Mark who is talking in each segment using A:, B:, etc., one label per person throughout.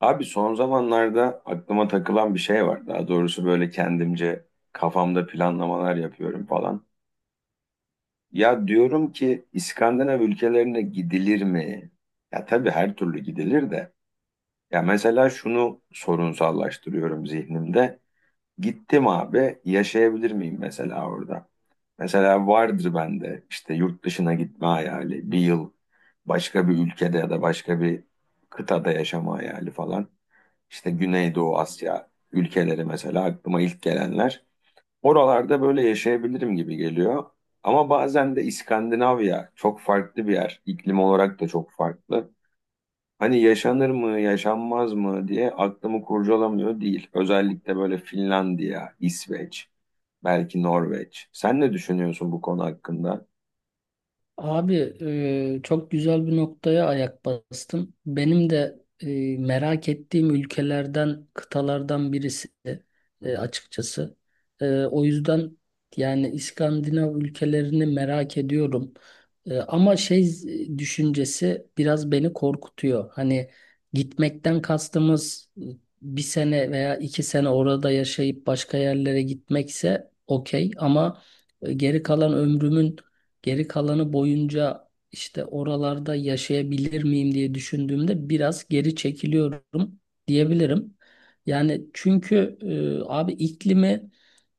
A: Abi son zamanlarda aklıma takılan bir şey var. Daha doğrusu böyle kendimce kafamda planlamalar yapıyorum falan. Ya diyorum ki İskandinav ülkelerine gidilir mi? Ya tabii her türlü gidilir de. Ya mesela şunu sorunsallaştırıyorum zihnimde. Gittim abi yaşayabilir miyim mesela orada? Mesela vardır bende işte yurt dışına gitme hayali, bir yıl başka bir ülkede ya da başka bir kıtada yaşama hayali falan işte Güneydoğu Asya ülkeleri mesela aklıma ilk gelenler. Oralarda böyle yaşayabilirim gibi geliyor. Ama bazen de İskandinavya çok farklı bir yer. İklim olarak da çok farklı. Hani yaşanır mı, yaşanmaz mı diye aklımı kurcalamıyor değil. Özellikle böyle Finlandiya, İsveç, belki Norveç. Sen ne düşünüyorsun bu konu hakkında?
B: Abi, çok güzel bir noktaya ayak bastın. Benim de merak ettiğim ülkelerden, kıtalardan birisi açıkçası. O yüzden yani İskandinav ülkelerini merak ediyorum. Ama düşüncesi biraz beni korkutuyor. Hani gitmekten kastımız bir sene veya 2 sene orada yaşayıp başka yerlere gitmekse okey ama geri kalan ömrümün geri kalanı boyunca işte oralarda yaşayabilir miyim diye düşündüğümde biraz geri çekiliyorum diyebilirim. Yani çünkü abi iklimi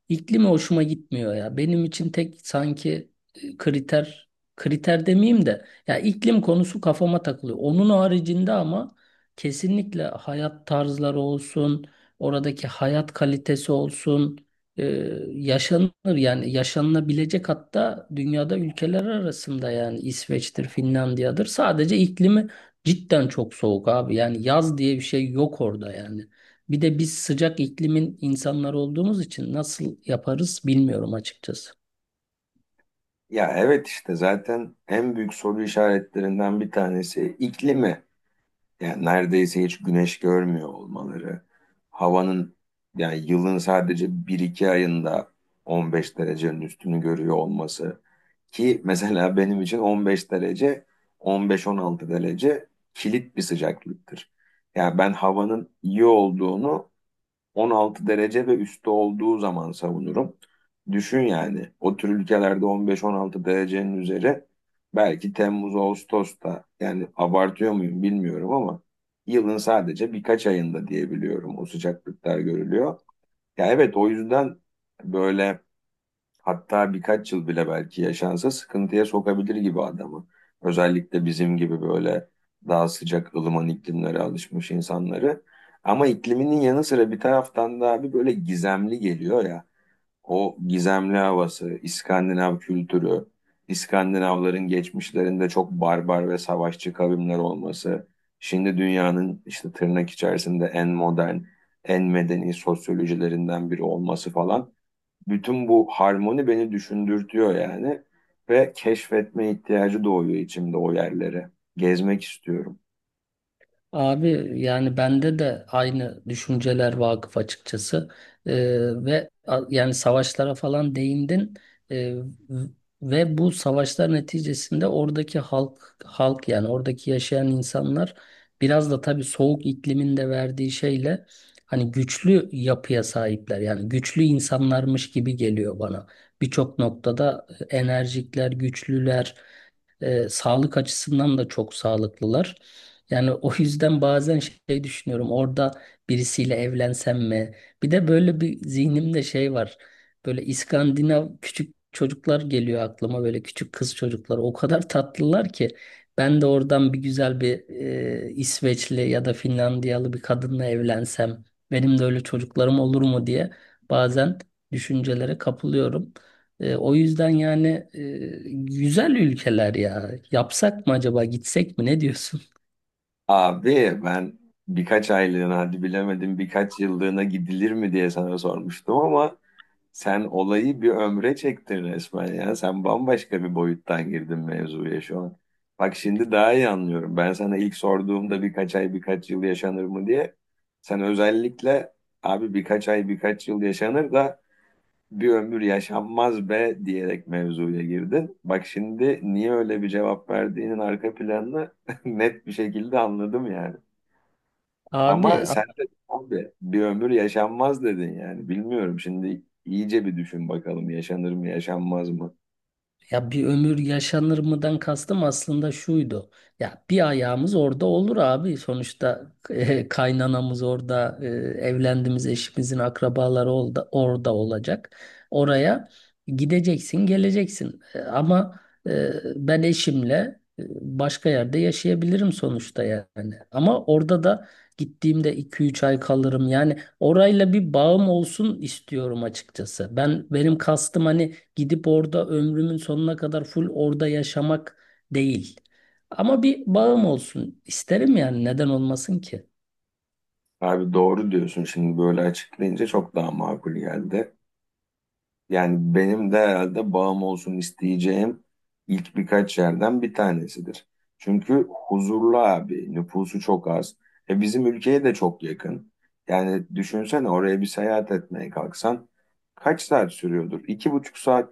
B: İklimi hoşuma gitmiyor ya. Benim için tek sanki kriter demeyeyim de ya iklim konusu kafama takılıyor. Onun haricinde ama kesinlikle hayat tarzları olsun, oradaki hayat kalitesi olsun, e, yaşanır yani yaşanılabilecek hatta dünyada ülkeler arasında yani İsveç'tir, Finlandiya'dır. Sadece iklimi cidden çok soğuk abi. Yani yaz diye bir şey yok orada yani. Bir de biz sıcak iklimin insanları olduğumuz için nasıl yaparız bilmiyorum açıkçası.
A: Ya evet, işte zaten en büyük soru işaretlerinden bir tanesi iklimi. Yani neredeyse hiç güneş görmüyor olmaları, havanın yani yılın sadece bir iki ayında 15 derecenin üstünü görüyor olması, ki mesela benim için 15 derece, 15-16 derece kilit bir sıcaklıktır. Yani ben havanın iyi olduğunu 16 derece ve üstü olduğu zaman savunurum. Düşün, yani o tür ülkelerde 15-16 derecenin üzeri belki Temmuz Ağustos'ta, yani abartıyor muyum bilmiyorum ama yılın sadece birkaç ayında diyebiliyorum o sıcaklıklar görülüyor. Ya evet, o yüzden böyle, hatta birkaç yıl bile belki yaşansa sıkıntıya sokabilir gibi adamı. Özellikle bizim gibi böyle daha sıcak ılıman iklimlere alışmış insanları. Ama ikliminin yanı sıra bir taraftan da abi böyle gizemli geliyor ya. O gizemli havası, İskandinav kültürü, İskandinavların geçmişlerinde çok barbar ve savaşçı kavimler olması. Şimdi dünyanın işte tırnak içerisinde en modern, en medeni sosyolojilerinden biri olması falan, bütün bu harmoni beni düşündürtüyor yani, ve keşfetme ihtiyacı doğuyor içimde o yerlere. Gezmek istiyorum.
B: Abi yani bende de aynı düşünceler vakıf açıkçası. Yani savaşlara falan değindin. Ee, v- ve bu savaşlar neticesinde oradaki halk yani oradaki yaşayan insanlar biraz da tabii soğuk iklimin de verdiği şeyle hani güçlü yapıya sahipler yani güçlü insanlarmış gibi geliyor bana. Birçok noktada enerjikler, güçlüler, sağlık açısından da çok sağlıklılar. Yani o yüzden bazen şey düşünüyorum. Orada birisiyle evlensem mi? Bir de böyle bir zihnimde şey var. Böyle İskandinav küçük çocuklar geliyor aklıma. Böyle küçük kız çocuklar. O kadar tatlılar ki. Ben de oradan bir güzel bir İsveçli ya da Finlandiyalı bir kadınla evlensem. Benim de öyle çocuklarım olur mu diye bazen düşüncelere kapılıyorum. O yüzden yani güzel ülkeler ya. Yapsak mı acaba? Gitsek mi? Ne diyorsun?
A: Abi ben birkaç aylığına, hadi bilemedim birkaç yıllığına gidilir mi diye sana sormuştum ama sen olayı bir ömre çektin resmen ya. Sen bambaşka bir boyuttan girdin mevzuya şu an. Bak, şimdi daha iyi anlıyorum. Ben sana ilk sorduğumda birkaç ay birkaç yıl yaşanır mı diye sen özellikle, abi birkaç ay birkaç yıl yaşanır da bir ömür yaşanmaz be diyerek mevzuya girdin. Bak şimdi niye öyle bir cevap verdiğinin arka planını net bir şekilde anladım yani.
B: Abi,
A: Ama sen
B: abi
A: de abi bir ömür yaşanmaz dedin yani. Bilmiyorum, şimdi iyice bir düşün bakalım yaşanır mı yaşanmaz mı?
B: ya bir ömür yaşanır mıdan kastım aslında şuydu. Ya bir ayağımız orada olur abi. Sonuçta kaynanamız orada, evlendiğimiz eşimizin akrabaları orada, orada olacak. Oraya gideceksin, geleceksin. Ama eh, ben eşimle başka yerde yaşayabilirim sonuçta yani. Ama orada da gittiğimde 2 3 ay kalırım. Yani orayla bir bağım olsun istiyorum açıkçası. Benim kastım hani gidip orada ömrümün sonuna kadar full orada yaşamak değil. Ama bir bağım olsun isterim yani neden olmasın ki?
A: Abi doğru diyorsun, şimdi böyle açıklayınca çok daha makul geldi. Yani benim de herhalde bağım olsun isteyeceğim ilk birkaç yerden bir tanesidir. Çünkü huzurlu abi, nüfusu çok az. E bizim ülkeye de çok yakın. Yani düşünsene, oraya bir seyahat etmeye kalksan kaç saat sürüyordur? İki buçuk saat,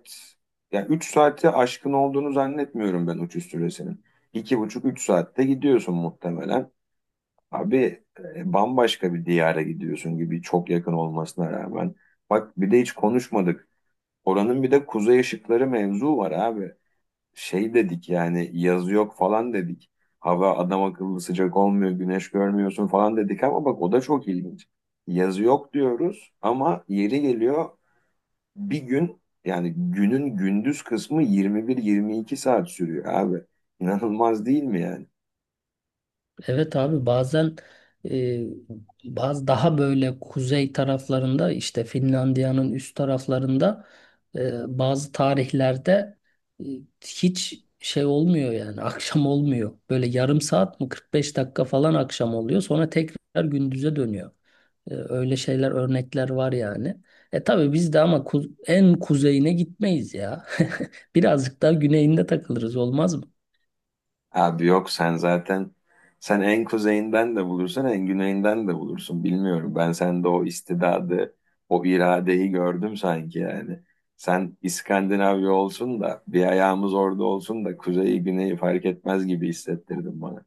A: ya üç saati aşkın olduğunu zannetmiyorum ben uçuş süresinin. İki buçuk, üç saatte gidiyorsun muhtemelen. Abi bambaşka bir diyara gidiyorsun gibi, çok yakın olmasına rağmen. Bak, bir de hiç konuşmadık. Oranın bir de kuzey ışıkları mevzu var abi. Şey dedik yani, yazı yok falan dedik. Hava adam akıllı sıcak olmuyor, güneş görmüyorsun falan dedik ama bak o da çok ilginç. Yazı yok diyoruz ama yeri geliyor bir gün, yani günün gündüz kısmı 21-22 saat sürüyor abi. İnanılmaz değil mi yani?
B: Evet abi, bazen e, bazı daha böyle kuzey taraflarında işte Finlandiya'nın üst taraflarında bazı tarihlerde e, hiç şey olmuyor yani akşam olmuyor. Böyle yarım saat mi 45 dakika falan akşam oluyor sonra tekrar gündüze dönüyor. Öyle şeyler, örnekler var yani. E tabii biz de ama en kuzeyine gitmeyiz ya. Birazcık daha güneyinde takılırız, olmaz mı?
A: Abi yok, sen zaten sen en kuzeyinden de bulursun en güneyinden de bulursun, bilmiyorum. Ben sende o istidadı, o iradeyi gördüm sanki yani. Sen İskandinavya olsun da bir ayağımız orada olsun da kuzeyi güneyi fark etmez gibi hissettirdin bana.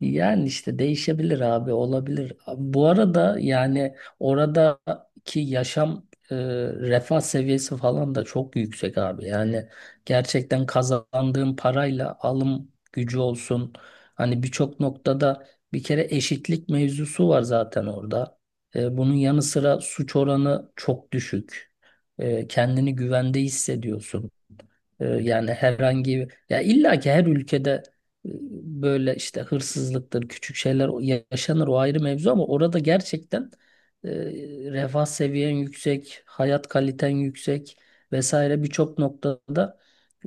B: Yani işte değişebilir abi, olabilir. Bu arada yani oradaki yaşam refah seviyesi falan da çok yüksek abi. Yani gerçekten kazandığın parayla alım gücü olsun. Hani birçok noktada bir kere eşitlik mevzusu var zaten orada. Bunun yanı sıra suç oranı çok düşük. Kendini güvende hissediyorsun. Yani herhangi ya illa ki her ülkede e, böyle işte hırsızlıktır, küçük şeyler yaşanır, o ayrı mevzu ama orada gerçekten e, refah seviyen yüksek, hayat kaliten yüksek vesaire. Birçok noktada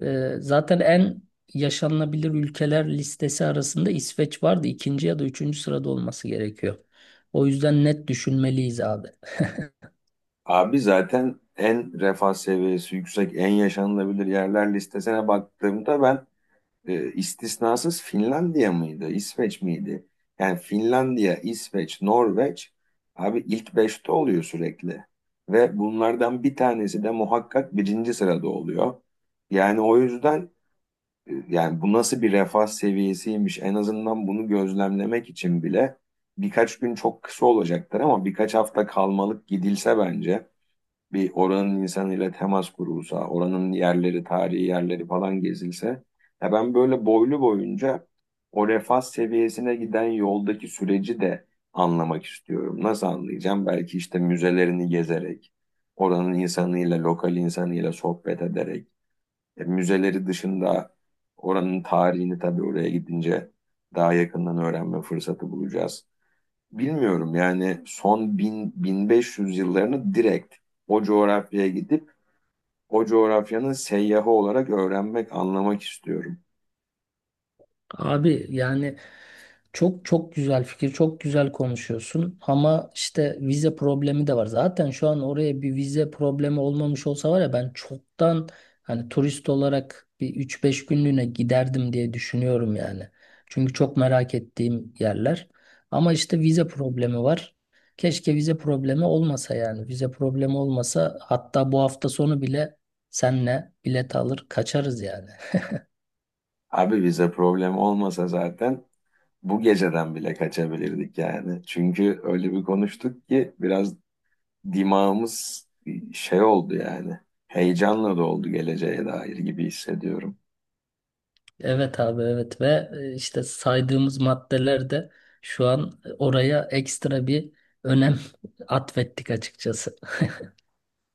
B: zaten en yaşanılabilir ülkeler listesi arasında İsveç vardı. İkinci ya da üçüncü sırada olması gerekiyor. O yüzden net düşünmeliyiz abi.
A: Abi zaten en refah seviyesi yüksek en yaşanılabilir yerler listesine baktığımda ben istisnasız Finlandiya mıydı, İsveç miydi? Yani Finlandiya, İsveç, Norveç abi ilk beşte oluyor sürekli. Ve bunlardan bir tanesi de muhakkak birinci sırada oluyor. Yani o yüzden yani bu nasıl bir refah seviyesiymiş, en azından bunu gözlemlemek için bile birkaç gün çok kısa olacaktır ama birkaç hafta kalmalık gidilse bence, bir oranın insanıyla temas kurulsa, oranın yerleri, tarihi yerleri falan gezilse, ya ben böyle boylu boyunca o refah seviyesine giden yoldaki süreci de anlamak istiyorum. Nasıl anlayacağım? Belki işte müzelerini gezerek, oranın insanıyla, lokal insanıyla sohbet ederek, müzeleri dışında oranın tarihini tabii oraya gidince daha yakından öğrenme fırsatı bulacağız. Bilmiyorum, yani son 1000 1500 yıllarını direkt o coğrafyaya gidip o coğrafyanın seyyahı olarak öğrenmek, anlamak istiyorum.
B: Abi yani çok çok güzel fikir, çok güzel konuşuyorsun ama işte vize problemi de var. Zaten şu an oraya bir vize problemi olmamış olsa var ya, ben çoktan hani turist olarak bir üç beş günlüğüne giderdim diye düşünüyorum yani. Çünkü çok merak ettiğim yerler. Ama işte vize problemi var. Keşke vize problemi olmasa yani. Vize problemi olmasa hatta bu hafta sonu bile senle bilet alır kaçarız yani.
A: Abi bize problem olmasa zaten bu geceden bile kaçabilirdik yani. Çünkü öyle bir konuştuk ki biraz dimağımız şey oldu yani. Heyecanla doldu geleceğe dair gibi hissediyorum.
B: Evet abi, evet. Ve işte saydığımız maddeler de şu an oraya ekstra bir önem atfettik açıkçası.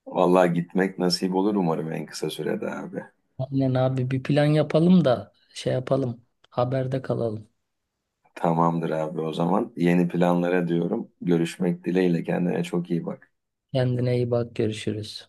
A: Vallahi gitmek nasip olur umarım en kısa sürede abi.
B: Aynen abi, bir plan yapalım da şey yapalım, haberde kalalım.
A: Tamamdır abi, o zaman. Yeni planlara diyorum. Görüşmek dileğiyle kendine çok iyi bak.
B: Kendine iyi bak, görüşürüz.